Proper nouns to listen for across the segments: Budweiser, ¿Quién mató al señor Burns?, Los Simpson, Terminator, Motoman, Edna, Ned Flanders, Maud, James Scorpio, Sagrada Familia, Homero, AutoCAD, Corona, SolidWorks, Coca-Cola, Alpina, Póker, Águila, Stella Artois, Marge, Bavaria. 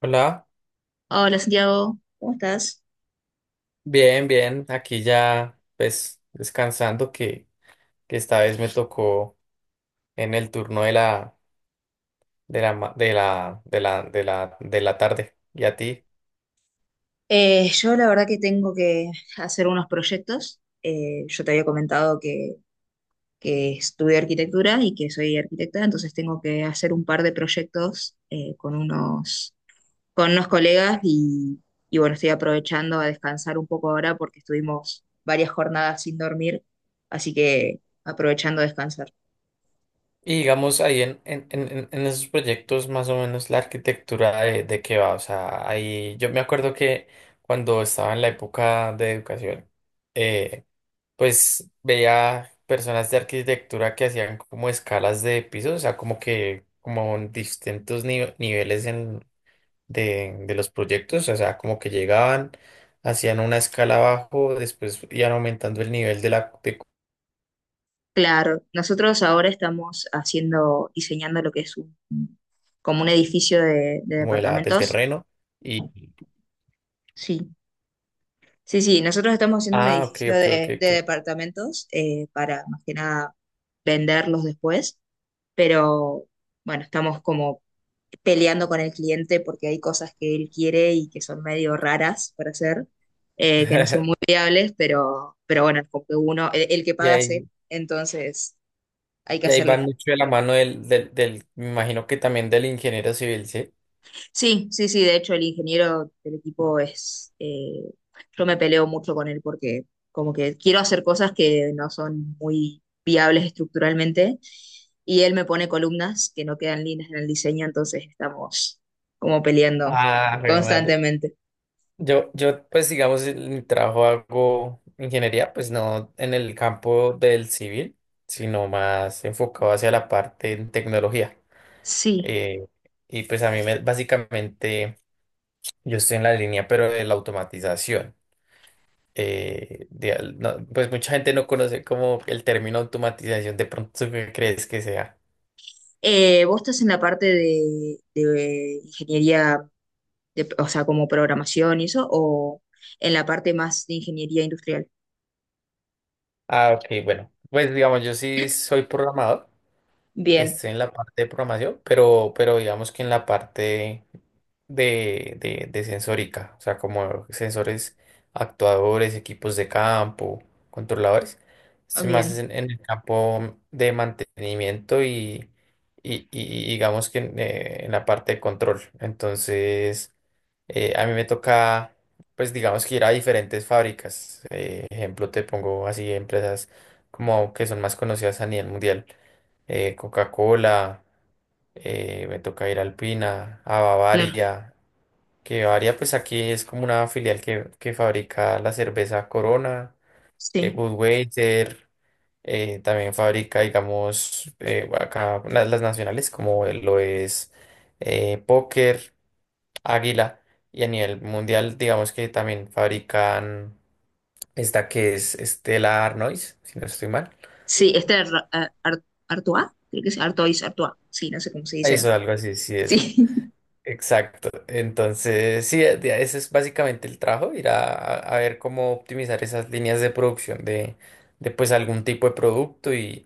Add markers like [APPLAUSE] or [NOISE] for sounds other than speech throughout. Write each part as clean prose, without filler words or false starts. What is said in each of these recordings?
Hola, Hola Santiago, ¿cómo estás? bien, bien, aquí ya pues descansando que esta vez me tocó en el turno de la ma- de la de la de la, de la tarde y a ti. Yo la verdad que tengo que hacer unos proyectos. Yo te había comentado que estudié arquitectura y que soy arquitecta, entonces tengo que hacer un par de proyectos con unos colegas y bueno, estoy aprovechando a descansar un poco ahora porque estuvimos varias jornadas sin dormir, así que aprovechando a descansar. Y digamos ahí en esos proyectos más o menos la arquitectura de qué va. O sea, ahí yo me acuerdo que cuando estaba en la época de educación, eh, pues veía personas de arquitectura que hacían como escalas de pisos, o sea, como que como en niveles de los proyectos, o sea, como que llegaban, hacían una escala abajo, después iban aumentando el nivel de Claro, nosotros ahora estamos haciendo, diseñando lo que es como un edificio de como de la, del departamentos. terreno. Y, Sí, sí, sí, nosotros estamos haciendo un ah, ok, edificio ok, ok, de ok. departamentos para más que nada venderlos después, pero bueno, estamos como peleando con el cliente porque hay cosas que él quiere y que son medio raras para hacer, que no son muy [LAUGHS] viables, pero bueno, como que uno, el que Y paga es ahí, él, entonces hay que y ahí hacerle. van mucho de la mano me imagino que también del ingeniero civil, ¿sí? Sí, sí, sí, de hecho el ingeniero del equipo yo me peleo mucho con él porque como que quiero hacer cosas que no son muy viables estructuralmente y él me pone columnas que no quedan líneas en el diseño, entonces estamos como peleando Ah, re madre. constantemente. Pues digamos, en mi trabajo hago ingeniería, pues no en el campo del civil, sino más enfocado hacia la parte en tecnología. Sí. Eh, y pues básicamente yo estoy en la línea, pero de la automatización. No, pues mucha gente no conoce como el término automatización, de pronto ¿tú qué crees que sea. Vos estás en la parte de ingeniería, de, o sea, como programación y eso, o en la parte más de ingeniería industrial. Ah, ok, bueno, pues digamos, yo sí soy programador. Bien, Estoy en la parte de programación, pero digamos que en la parte de sensórica, o sea, como sensores actuadores, equipos de campo, controladores. Estoy más bien, en el campo de mantenimiento y digamos que en la parte de control. Entonces, a mí me toca, pues digamos que ir a diferentes fábricas. Ejemplo, te pongo así empresas como que son más conocidas a nivel mundial. Eh, Coca-Cola, me toca ir a Alpina, a claro, Bavaria, que Bavaria pues aquí es como una filial que fabrica la cerveza Corona, sí. Budweiser, también fabrica digamos acá las nacionales como lo es Póker. Águila. Y a nivel mundial, digamos que también fabrican esta que es Stella Artois, si no estoy mal. Sí, este Artois, creo que es Artois, Artois. Sí, no sé cómo se Eso, dicen. algo así, sí, eso. Sí. Exacto. Entonces, sí, ese es básicamente el trabajo, ir a ver cómo optimizar esas líneas de producción de pues algún tipo de producto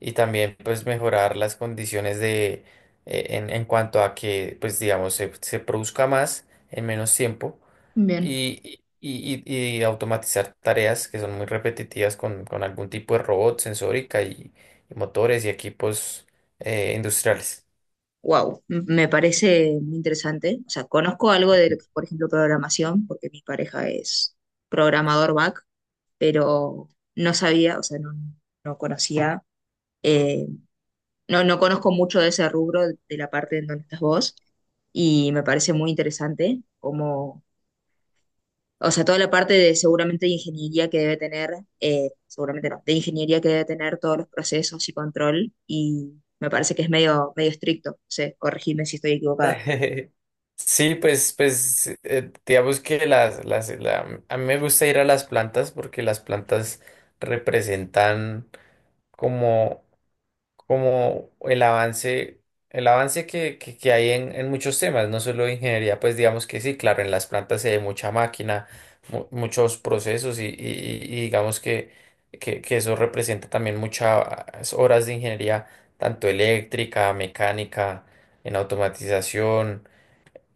y también pues mejorar las condiciones de en cuanto a que pues digamos se produzca más en menos tiempo [LAUGHS] Bien. Y automatizar tareas que son muy repetitivas con algún tipo de robot, sensórica y motores y equipos industriales. Wow, me parece muy interesante. O sea, conozco algo de, por ejemplo, programación, porque mi pareja es programador back, pero no sabía, o sea, no, no, conocía, eh, no conozco mucho de ese rubro, de la parte en donde estás vos, y me parece muy interesante cómo. O sea, toda la parte de seguramente de ingeniería que debe tener, seguramente no, de ingeniería que debe tener todos los procesos y control, y me parece que es medio, medio estricto, no sé, corregirme si estoy equivocada. [LAUGHS] Sí, pues, pues digamos que a mí me gusta ir a las plantas porque las plantas representan como como el avance que hay en muchos temas, no solo de ingeniería, pues digamos que sí, claro, en las plantas se hay mucha máquina, muchos procesos y digamos que eso representa también muchas horas de ingeniería, tanto eléctrica, mecánica, en automatización,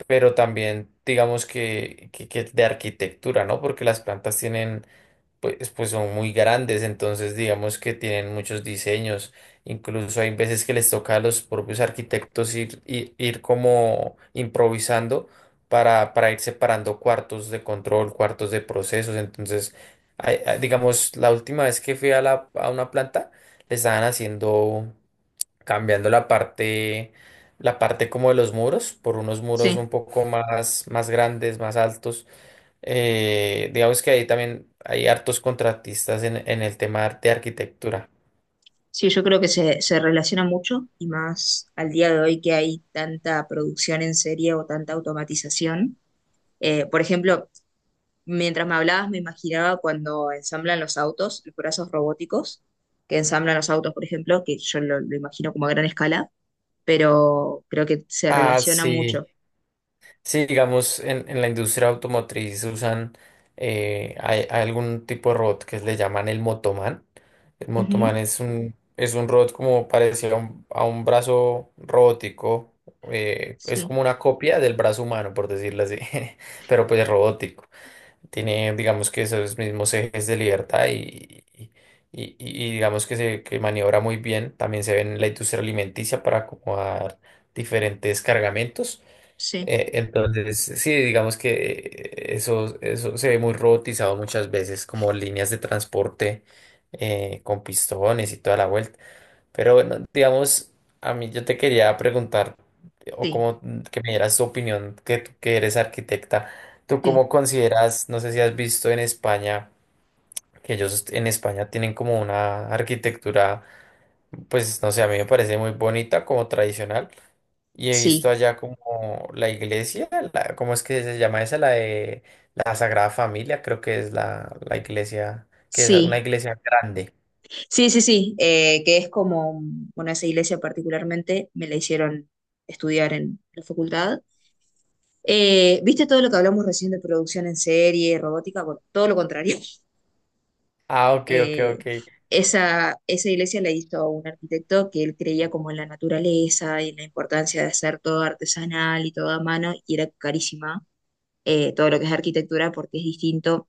pero también digamos que de arquitectura, ¿no? Porque las plantas tienen pues, pues son muy grandes, entonces digamos que tienen muchos diseños, incluso hay veces que les toca a los propios arquitectos ir como improvisando para ir separando cuartos de control, cuartos de procesos, entonces, digamos, la última vez que fui a una planta, le estaban haciendo, cambiando la parte como de los muros, por unos muros Sí, un poco más, más grandes, más altos digamos que ahí también hay hartos contratistas en el tema de arquitectura. sí, yo creo que se relaciona mucho, y más al día de hoy que hay tanta producción en serie o tanta automatización. Por ejemplo, mientras me hablabas, me imaginaba cuando ensamblan los autos, los brazos robóticos, que ensamblan los autos, por ejemplo, que yo lo imagino como a gran escala, pero creo que se Ah, relaciona sí. mucho. Sí, digamos, en la industria automotriz usan hay algún tipo de robot que le llaman el Motoman. El Ujú. Motoman es es un robot como parecido a a un brazo robótico. Eh, es Sí, como una copia del brazo humano, por decirlo así, [LAUGHS] pero pues robótico. Tiene, digamos que esos mismos ejes de libertad y digamos que se que maniobra muy bien. También se ve en la industria alimenticia para acomodar diferentes cargamentos. sí, Entonces, sí, digamos que eso, eso se ve muy robotizado muchas veces, como líneas de transporte con pistones y toda la vuelta. Pero bueno, digamos, a mí yo te quería preguntar, o sí, como que me dieras tu opinión, que tú que eres arquitecta, ¿tú sí, cómo consideras, no sé si has visto en España, que ellos en España tienen como una arquitectura, pues no sé, a mí me parece muy bonita, como tradicional, y he visto sí, allá como la iglesia, la, ¿cómo es que se llama esa? La de la Sagrada Familia, creo que es la iglesia, que es una sí, iglesia grande. sí, sí, sí, que es como, bueno, esa iglesia particularmente me la hicieron estudiar en la facultad. ¿Viste todo lo que hablamos recién de producción en serie, robótica? Bueno, todo lo contrario. [LAUGHS] Ah, ok, ok, Eh, ok. esa iglesia la hizo un arquitecto que él creía como en la naturaleza y en la importancia de hacer todo artesanal y todo a mano, y era carísima todo lo que es arquitectura porque es distinto.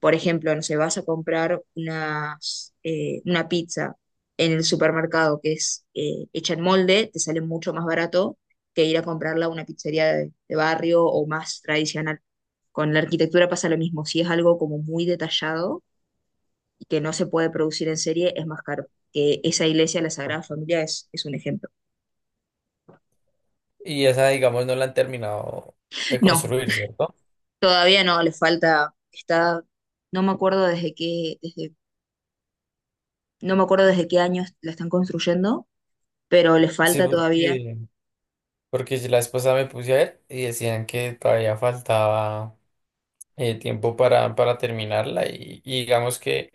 Por ejemplo, no sé, vas a comprar una pizza en el supermercado que es hecha en molde, te sale mucho más barato que ir a comprarla a una pizzería de barrio o más tradicional. Con la arquitectura pasa lo mismo, si es algo como muy detallado y que no se puede producir en serie, es más caro. Que esa iglesia, la Sagrada Familia, es un ejemplo. Y esa, digamos, no la han terminado de No, construir, ¿cierto? todavía no, le falta, está, no me acuerdo desde qué, desde No me acuerdo desde qué años la están construyendo, pero le Sí, falta todavía. porque, porque si la esposa me puse a ver y decían que todavía faltaba tiempo para terminarla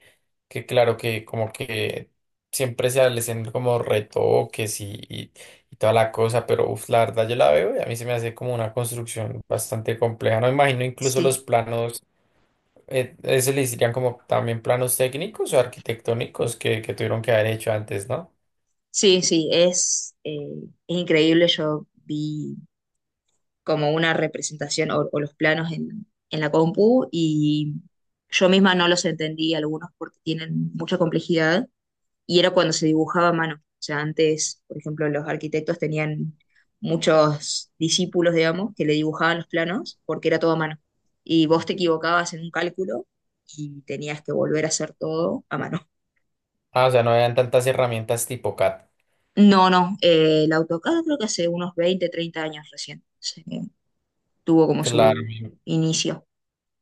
que claro que como que siempre se hacen como retoques y toda la cosa, pero uf, la verdad yo la veo y a mí se me hace como una construcción bastante compleja. No imagino incluso los Sí, planos, eso le dirían como también planos técnicos o arquitectónicos que tuvieron que haber hecho antes, ¿no? sí, sí, es increíble. Yo vi como una representación o los planos en la compu y yo misma no los entendí algunos porque tienen mucha complejidad y era cuando se dibujaba a mano. O sea, antes, por ejemplo, los arquitectos tenían muchos discípulos, digamos, que le dibujaban los planos porque era todo a mano. Y vos te equivocabas en un cálculo y tenías que volver a hacer todo a mano. Ah, o sea, no habían tantas herramientas tipo CAD. No, no, el AutoCAD creo que hace unos 20, 30 años tuvo como Claro, su no. inicio.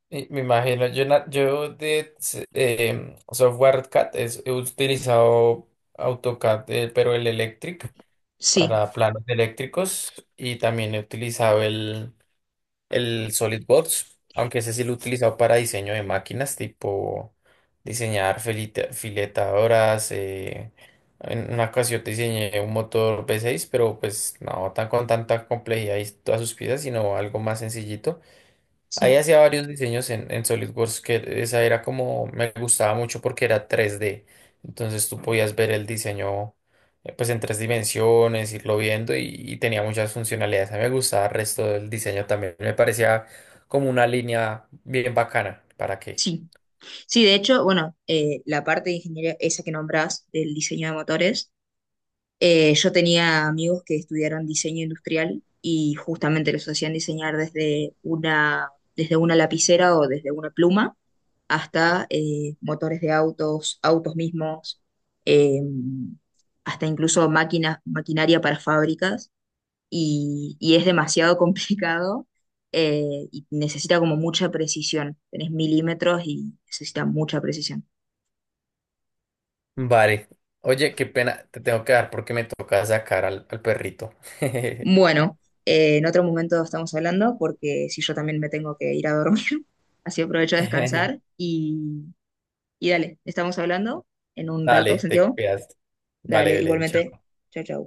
Y me imagino. Yo, na- yo de s- em, software CAD he utilizado AutoCAD, pero el Electric Sí, para planos eléctricos y también he utilizado el SolidWorks, aunque ese sí lo he utilizado para diseño de máquinas, tipo diseñar filetadoras. Eh, en una ocasión diseñé un motor V6, pero pues no tan con tanta complejidad y todas sus piezas, sino algo más sencillito. Ahí sí, hacía varios diseños en SolidWorks que esa era como, me gustaba mucho porque era tres d. Entonces tú podías ver el diseño pues en tres dimensiones, irlo viendo y tenía muchas funcionalidades. A mí me gustaba el resto del diseño también. Me parecía como una línea bien bacana. ¿Para qué? sí. Sí, de hecho, bueno, la parte de ingeniería, esa que nombrás del diseño de motores. Yo tenía amigos que estudiaron diseño industrial y justamente los hacían diseñar desde una lapicera o desde una pluma hasta motores de autos, autos mismos, eh, hasta incluso máquinas, maquinaria para fábricas y es demasiado [LAUGHS] complicado y necesita como mucha precisión. Tenés milímetros y necesita mucha precisión. Vale. Oye, qué pena, te tengo que dar porque me toca sacar al perrito. Bueno, en otro momento estamos hablando porque si yo también me tengo que ir a dormir, así aprovecho a descansar [LAUGHS] y dale, estamos hablando en un rato, Dale, te Santiago. cuidas. Vale, Dale, Belén. igualmente. Chao. Chao, chao.